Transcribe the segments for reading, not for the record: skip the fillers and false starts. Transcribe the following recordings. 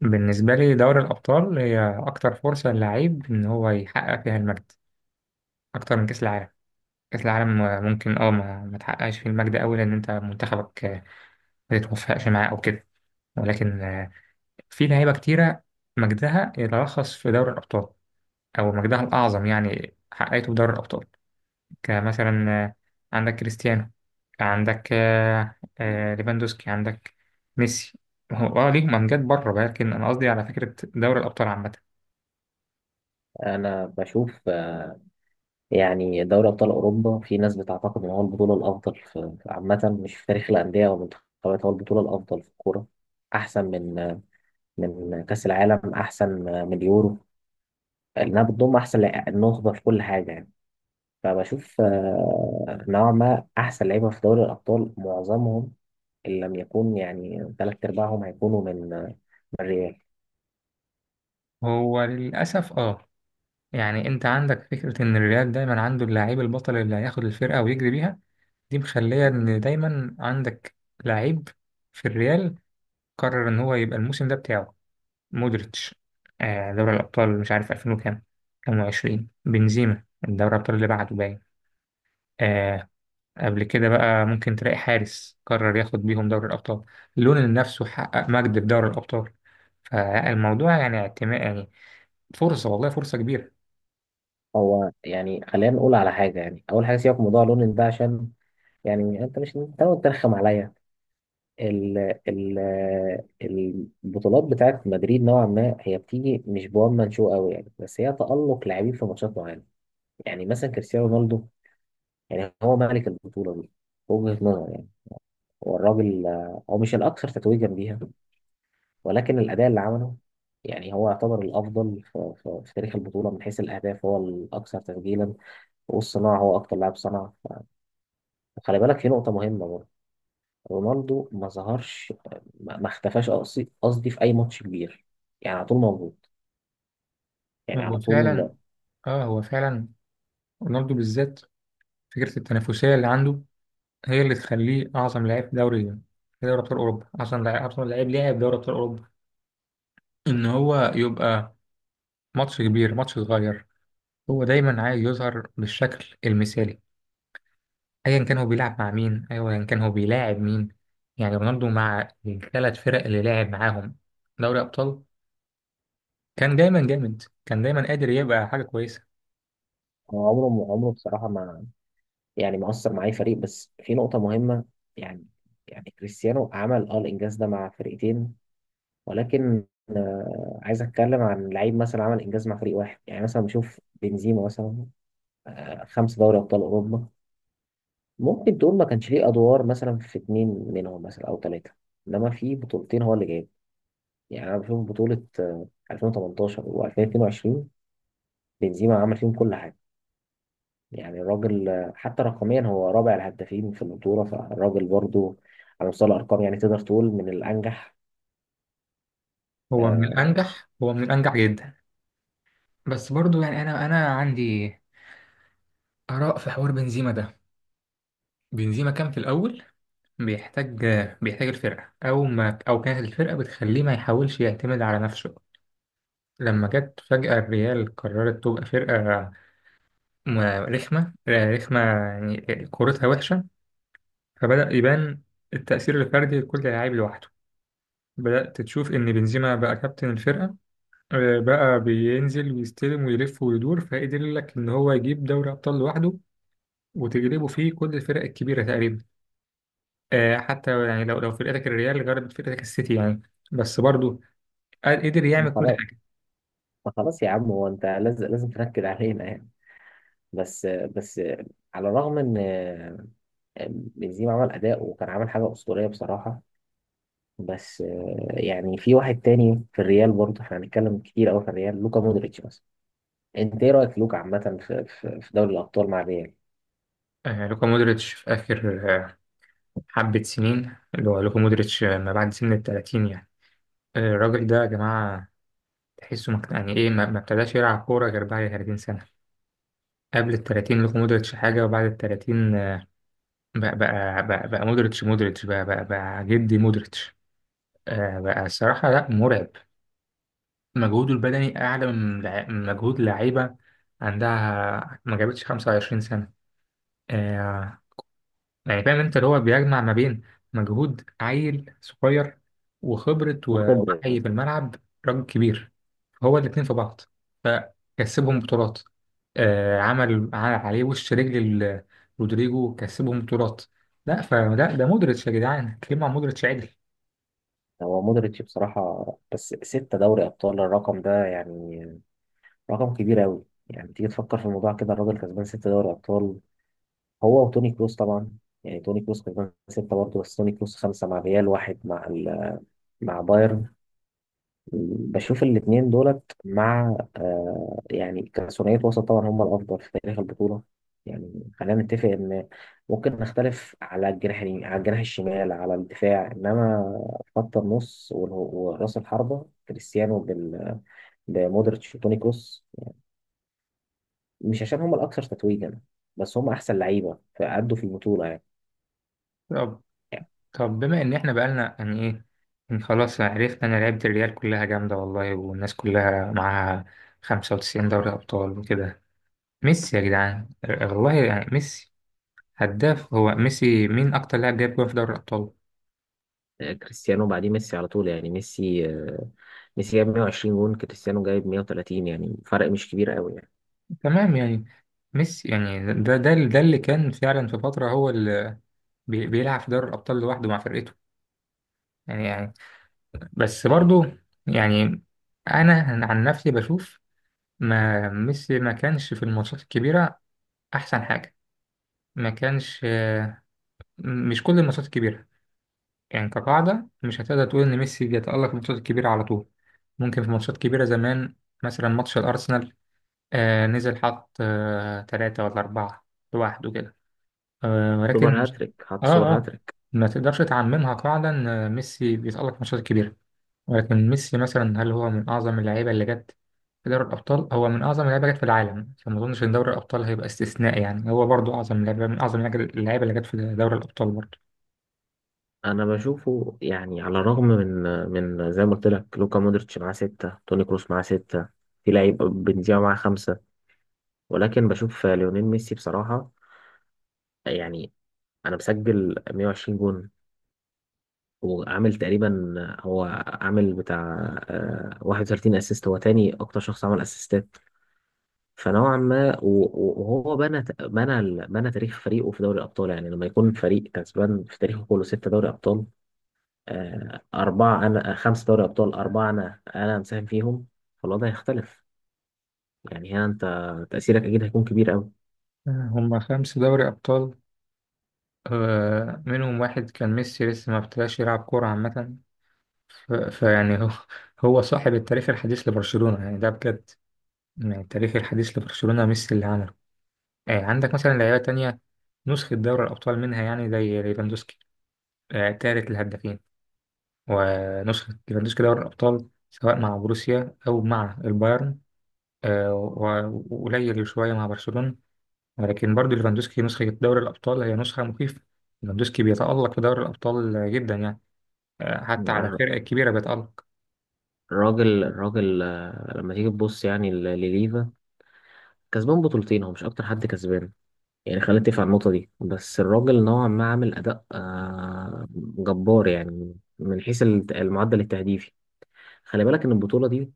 بالنسبة لي دوري الأبطال هي أكتر فرصة للعيب إن هو يحقق فيها المجد أكتر من كأس العالم. كأس العالم ممكن أه ما, ما تحققش فيه المجد أوي لأن أنت منتخبك ما تتوفقش معاه أو كده. ولكن في لعيبة كتيرة مجدها يتلخص في دوري الأبطال، أو مجدها الأعظم يعني حققته في دوري الأبطال. كمثلا عندك كريستيانو، عندك ليفاندوسكي، عندك ميسي. هو ليهم امجاد بره، ولكن انا قصدي على فكره دوري الابطال عامه. انا بشوف، يعني دوري ابطال اوروبا في ناس بتعتقد ان هو البطوله الافضل عامه، مش في تاريخ الانديه والمنتخبات هو البطوله الافضل في الكوره، احسن من، من كاس العالم، احسن من اليورو، لانها بتضم احسن النخبه في كل حاجه يعني. فبشوف نوعا ما احسن لعيبه في دوري الابطال معظمهم، ان لم يكون يعني ثلاث ارباعهم هيكونوا من، من الريال. هو للأسف يعني انت عندك فكرة ان الريال دايما عنده اللعيب البطل اللي هياخد الفرقة ويجري بيها. دي مخلية ان دايما عندك لعيب في الريال قرر ان هو يبقى الموسم ده بتاعه، مودريتش. آه دوري الأبطال مش عارف 2000 وكام، كام وعشرين، بنزيما دوري الأبطال اللي بعده باين. آه، قبل كده بقى ممكن تلاقي حارس قرر ياخد بيهم دوري الأبطال، لونين نفسه حقق مجد في دوري الأبطال. فالموضوع يعني اعتماد، يعني فرصة، والله فرصة كبيرة. هو يعني خلينا نقول على حاجه، يعني اول حاجه سيبك من موضوع لونين ده، عشان يعني انت مش تقعد ترخم عليا. ال ال البطولات بتاعت مدريد نوعا ما هي بتيجي مش بوان مان شو قوي يعني، بس هي تألق لاعبين في ماتشات معينه. يعني مثلا كريستيانو رونالدو، يعني هو ملك البطوله دي، في وجهه نظر يعني. هو الراجل، هو مش الاكثر تتويجا بيها، ولكن الاداء اللي عمله يعني هو يعتبر الافضل في تاريخ البطوله، من حيث الاهداف هو الاكثر تسجيلا، والصناعه هو اكتر لاعب صنع. وخلي بالك في نقطه مهمه، رونالدو ما ظهرش، ما اختفاش قصدي، في اي ماتش كبير، يعني على طول موجود، يعني هو على طول. فعلا، اه هو فعلا رونالدو بالذات فكرة التنافسية اللي عنده هي اللي تخليه أعظم لاعب في دوري أبطال أوروبا، أعظم لاعب، أعظم لاعب لعب في دوري أبطال أوروبا. إن هو يبقى، ماتش كبير ماتش صغير، هو دايما عايز يظهر بالشكل المثالي. أيا كان هو بيلعب مع مين، أيا كان هو بيلاعب مين. يعني رونالدو مع الثلاث فرق اللي لعب معاهم دوري أبطال، كان دايما جامد، كان دايما قادر يبقى حاجة كويسة. هو عمره بصراحه ما، يعني ما اثر مع اي فريق، بس في نقطه مهمه يعني يعني كريستيانو عمل اه الانجاز ده مع فرقتين، ولكن آه، عايز اتكلم عن لعيب مثلا عمل انجاز مع فريق واحد. يعني مثلا بشوف بنزيما مثلا، آه خمس دوري ابطال اوروبا، ممكن تقول ما كانش ليه ادوار مثلا في اتنين منهم مثلا او ثلاثه، انما في بطولتين هو اللي جايبهم. يعني أنا بشوف بطولة 2018 و2022 بنزيما عمل فيهم كل حاجة. يعني الراجل، آه، حتى رقميا هو رابع الهدافين في البطولة، فالراجل برضو على مستوى الأرقام يعني تقدر تقول من الأنجح. هو من آه، الأنجح، هو من الأنجح جدا. بس برضو يعني انا عندي اراء في حوار بنزيما ده. بنزيما كان في الاول بيحتاج، بيحتاج الفرقه او كانت الفرقه بتخليه ما يحاولش يعتمد على نفسه. لما جت فجاه الريال قررت تبقى فرقه م- رخمه، رخمه يعني كورتها وحشه. فبدا يبان التاثير الفردي لكل لاعب لوحده. بدات تشوف ان بنزيما بقى كابتن الفرقه. بقى بينزل ويستلم ويلف ويدور، فقدر لك ان هو يجيب دوري ابطال لوحده، وتجربه فيه كل الفرق الكبيرة تقريبا. آه حتى يعني لو فرقتك الريال غلبت فرقتك السيتي، يعني بس برضه قدر يعمل كل خلاص، حاجة. ما خلاص يا عم، هو أنت لازم لازم تنكد علينا يعني؟ بس، على الرغم إن، آه، بنزيما عمل أداء وكان عامل حاجة أسطورية بصراحة. بس، آه، يعني في واحد تاني في الريال برضه، احنا هنتكلم كتير أوي في الريال، لوكا مودريتش مثلا. انت ايه رايك في لوكا عامه في دوري الابطال مع ريال؟ آه لوكا مودريتش في آخر حبة سنين، اللي هو لوكا مودريتش ما بعد سن التلاتين يعني. آه الراجل ده يا جماعة تحسه يعني إيه ما ابتداش يلعب كورة غير بعد 30 سنة. قبل التلاتين لوكا مودريتش حاجة، وبعد التلاتين بقى مودريتش بقى جدي مودريتش. آه بقى الصراحة لا مرعب. مجهوده البدني أعلى من من مجهود لعيبة عندها ما جابتش 25 سنة. آه يعني فاهم أنت، اللي هو بيجمع ما بين مجهود عيل صغير، وخبرة وخبره. ووعي في الملعب راجل كبير. هو الاتنين في بعض، فكسبهم بطولات. آه عمل عليه وش رجل، رودريجو، كسبهم بطولات. لا فلا ده مودريتش يا جدعان، كلمة عن مودريتش عدل. هو مودريتش بصراحه، بس ستة دوري ابطال الرقم ده يعني رقم كبير قوي، يعني تيجي تفكر في الموضوع كده الراجل كسبان ستة دوري ابطال، هو وتوني كروس طبعا. يعني توني كروس كسبان ستة برضه، بس توني كروس خمسة مع ريال واحد مع ال... مع بايرن. بشوف الاتنين دولت مع، آه، يعني كثنائية وسط طبعا هم الأفضل في تاريخ البطولة. يعني خلينا نتفق إن ممكن نختلف على الجناح اليمين، على الجناح الشمال، على الدفاع، إنما خط النص ورأس الحربة كريستيانو بمودريتش وتوني كروس، مش عشان هم الأكثر تتويجا، بس هم أحسن لعيبة فأدوا في البطولة يعني. طب بما ان احنا بقالنا يعني ايه، إن خلاص عرفنا ان لعيبة الريال كلها جامدة، والله والناس كلها معاها 95 دوري ابطال وكده. ميسي يا جدعان، والله يعني ميسي هداف، هو ميسي مين اكتر لاعب جاب جول في دوري الابطال؟ آه، كريستيانو بعديه ميسي على طول. يعني ميسي، آه، ميسي جايب 120 جون، كريستيانو جايب 130، يعني فرق مش كبير قوي يعني. تمام يعني ميسي، يعني ده اللي كان فعلا في فترة هو اللي بيلعب في دوري الابطال لوحده مع فرقته يعني. يعني بس برضو، يعني انا عن نفسي بشوف ما ميسي ما كانش في الماتشات الكبيرة احسن حاجة. ما كانش، مش كل الماتشات الكبيرة. يعني كقاعدة مش هتقدر تقول إن ميسي بيتألق في الماتشات الكبيرة على طول. ممكن في ماتشات كبيرة زمان، مثلا ماتش الأرسنال. آه نزل حط تلاتة ولا أربعة لوحده كده. آه سوبر ولكن. هاتريك، آه حط سوبر آه. هاتريك. ما تقدرش تعممها قاعدة إن ميسي بيتألق في الماتشات الكبيرة. ولكن ميسي مثلا، هل هو من أعظم اللعيبة اللي جت في دوري الأبطال؟ هو من أعظم اللعيبة جت في العالم، فما أظنش إن دوري الأبطال هيبقى استثناء، يعني هو برضو أعظم لعيبة، من أعظم اللعيبة اللي جت في دوري الأبطال برضو. انا بشوفه، يعني على الرغم من، من زي ما قلت لك لوكا مودريتش معاه ستة، توني كروس معاه ستة، في لعيب بنزيما معاه خمسة، ولكن بشوف ليونيل ميسي بصراحة، يعني انا مسجل 120 جون، وعامل تقريبا هو عامل بتاع، آه، 31 اسيست، هو تاني اكتر شخص عمل اسيستات. فنوعا ما وهو بنى تاريخ فريقه في دوري الابطال، يعني لما يكون فريق كسبان في تاريخه كله ستة دوري ابطال، آه، أربعة، أنا آه، خمس دوري أبطال أربعة، أنا مساهم فيهم، فالوضع هيختلف. يعني هنا أنت تأثيرك أكيد هيكون كبير أوي. هما خمس دوري أبطال، منهم واحد كان ميسي لسه ما ابتداش يلعب كورة عامة. فيعني هو، هو صاحب التاريخ الحديث لبرشلونة يعني، ده بجد. يعني التاريخ الحديث لبرشلونة ميسي اللي عمله. عندك مثلا لعيبة تانية نسخة دوري الأبطال منها، يعني زي ليفاندوسكي، تالت الهدافين. ونسخة ليفاندوسكي دوري الأبطال سواء مع بروسيا أو مع البايرن، وقليل شوية مع برشلونة. ولكن برضو ليفاندوسكي نسخة دوري الأبطال هي نسخة مخيفة. ليفاندوسكي بيتألق في دوري الأبطال جدا يعني، حتى على الر- الفرق الكبيرة بيتألق. الراجل الراجل آه، لما تيجي تبص يعني لليفا، كسبان بطولتين، هو مش أكتر حد كسبان، يعني خلينا نتفق على النقطة دي. بس الراجل نوعا ما عامل أداء، آه، جبار، يعني من حيث المعدل التهديفي. خلي بالك إن البطولة دي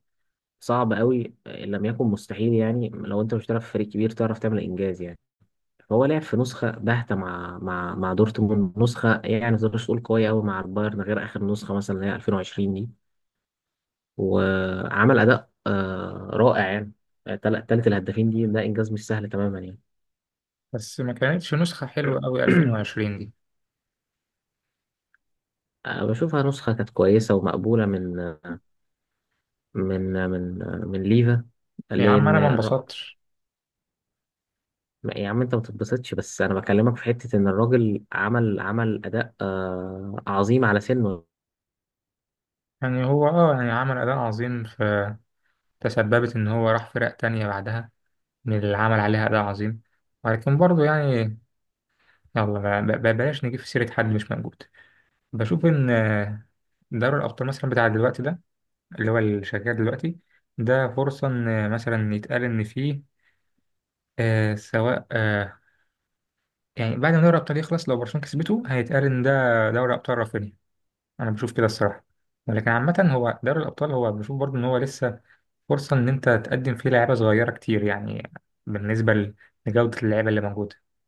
صعب أوي، آه، إن لم يكن مستحيل يعني، لو أنت مش بتلعب في فريق كبير تعرف تعمل إنجاز يعني. هو لعب في نسخة باهتة مع مع دورتموند، نسخة يعني ما تقدرش تقول قوية أوي مع البايرن غير آخر نسخة مثلا اللي هي 2020 دي، وعمل أداء، آه، رائع يعني. تالت الهدافين دي ده إنجاز مش سهل تماما يعني. بس ما كانتش نسخة حلوة أوي 2020 دي. آه، بشوفها نسخة كانت كويسة ومقبولة من، آه، من ليفا، يا عم لأن أنا ما انبسطتش. يا عم أنت ما تتبسطش، بس أنا بكلمك في حتة إن الراجل عمل أداء، آه، عظيم على سنه. يعني هو يعني عمل أداء عظيم، فتسببت إن هو راح فرق تانية بعدها من اللي عمل عليها أداء عظيم. ولكن برضه يعني، بلاش نجيب في سيرة حد مش موجود. بشوف إن دوري الأبطال مثلا بتاع دلوقتي ده، اللي هو اللي شغال دلوقتي، ده فرصة إن مثلا يتقال إن فيه آه سواء آه يعني بعد ما دوري الأبطال يخلص لو برشلونة كسبته هيتقال إن ده دوري أبطال رافينيا. أنا بشوف كده الصراحة. ولكن عامة هو دوري الأبطال، هو بشوف برضه إن هو لسه فرصة إن أنت تقدم فيه لعيبة صغيرة كتير يعني. بالنسبة لجودة اللعيبة اللي موجودة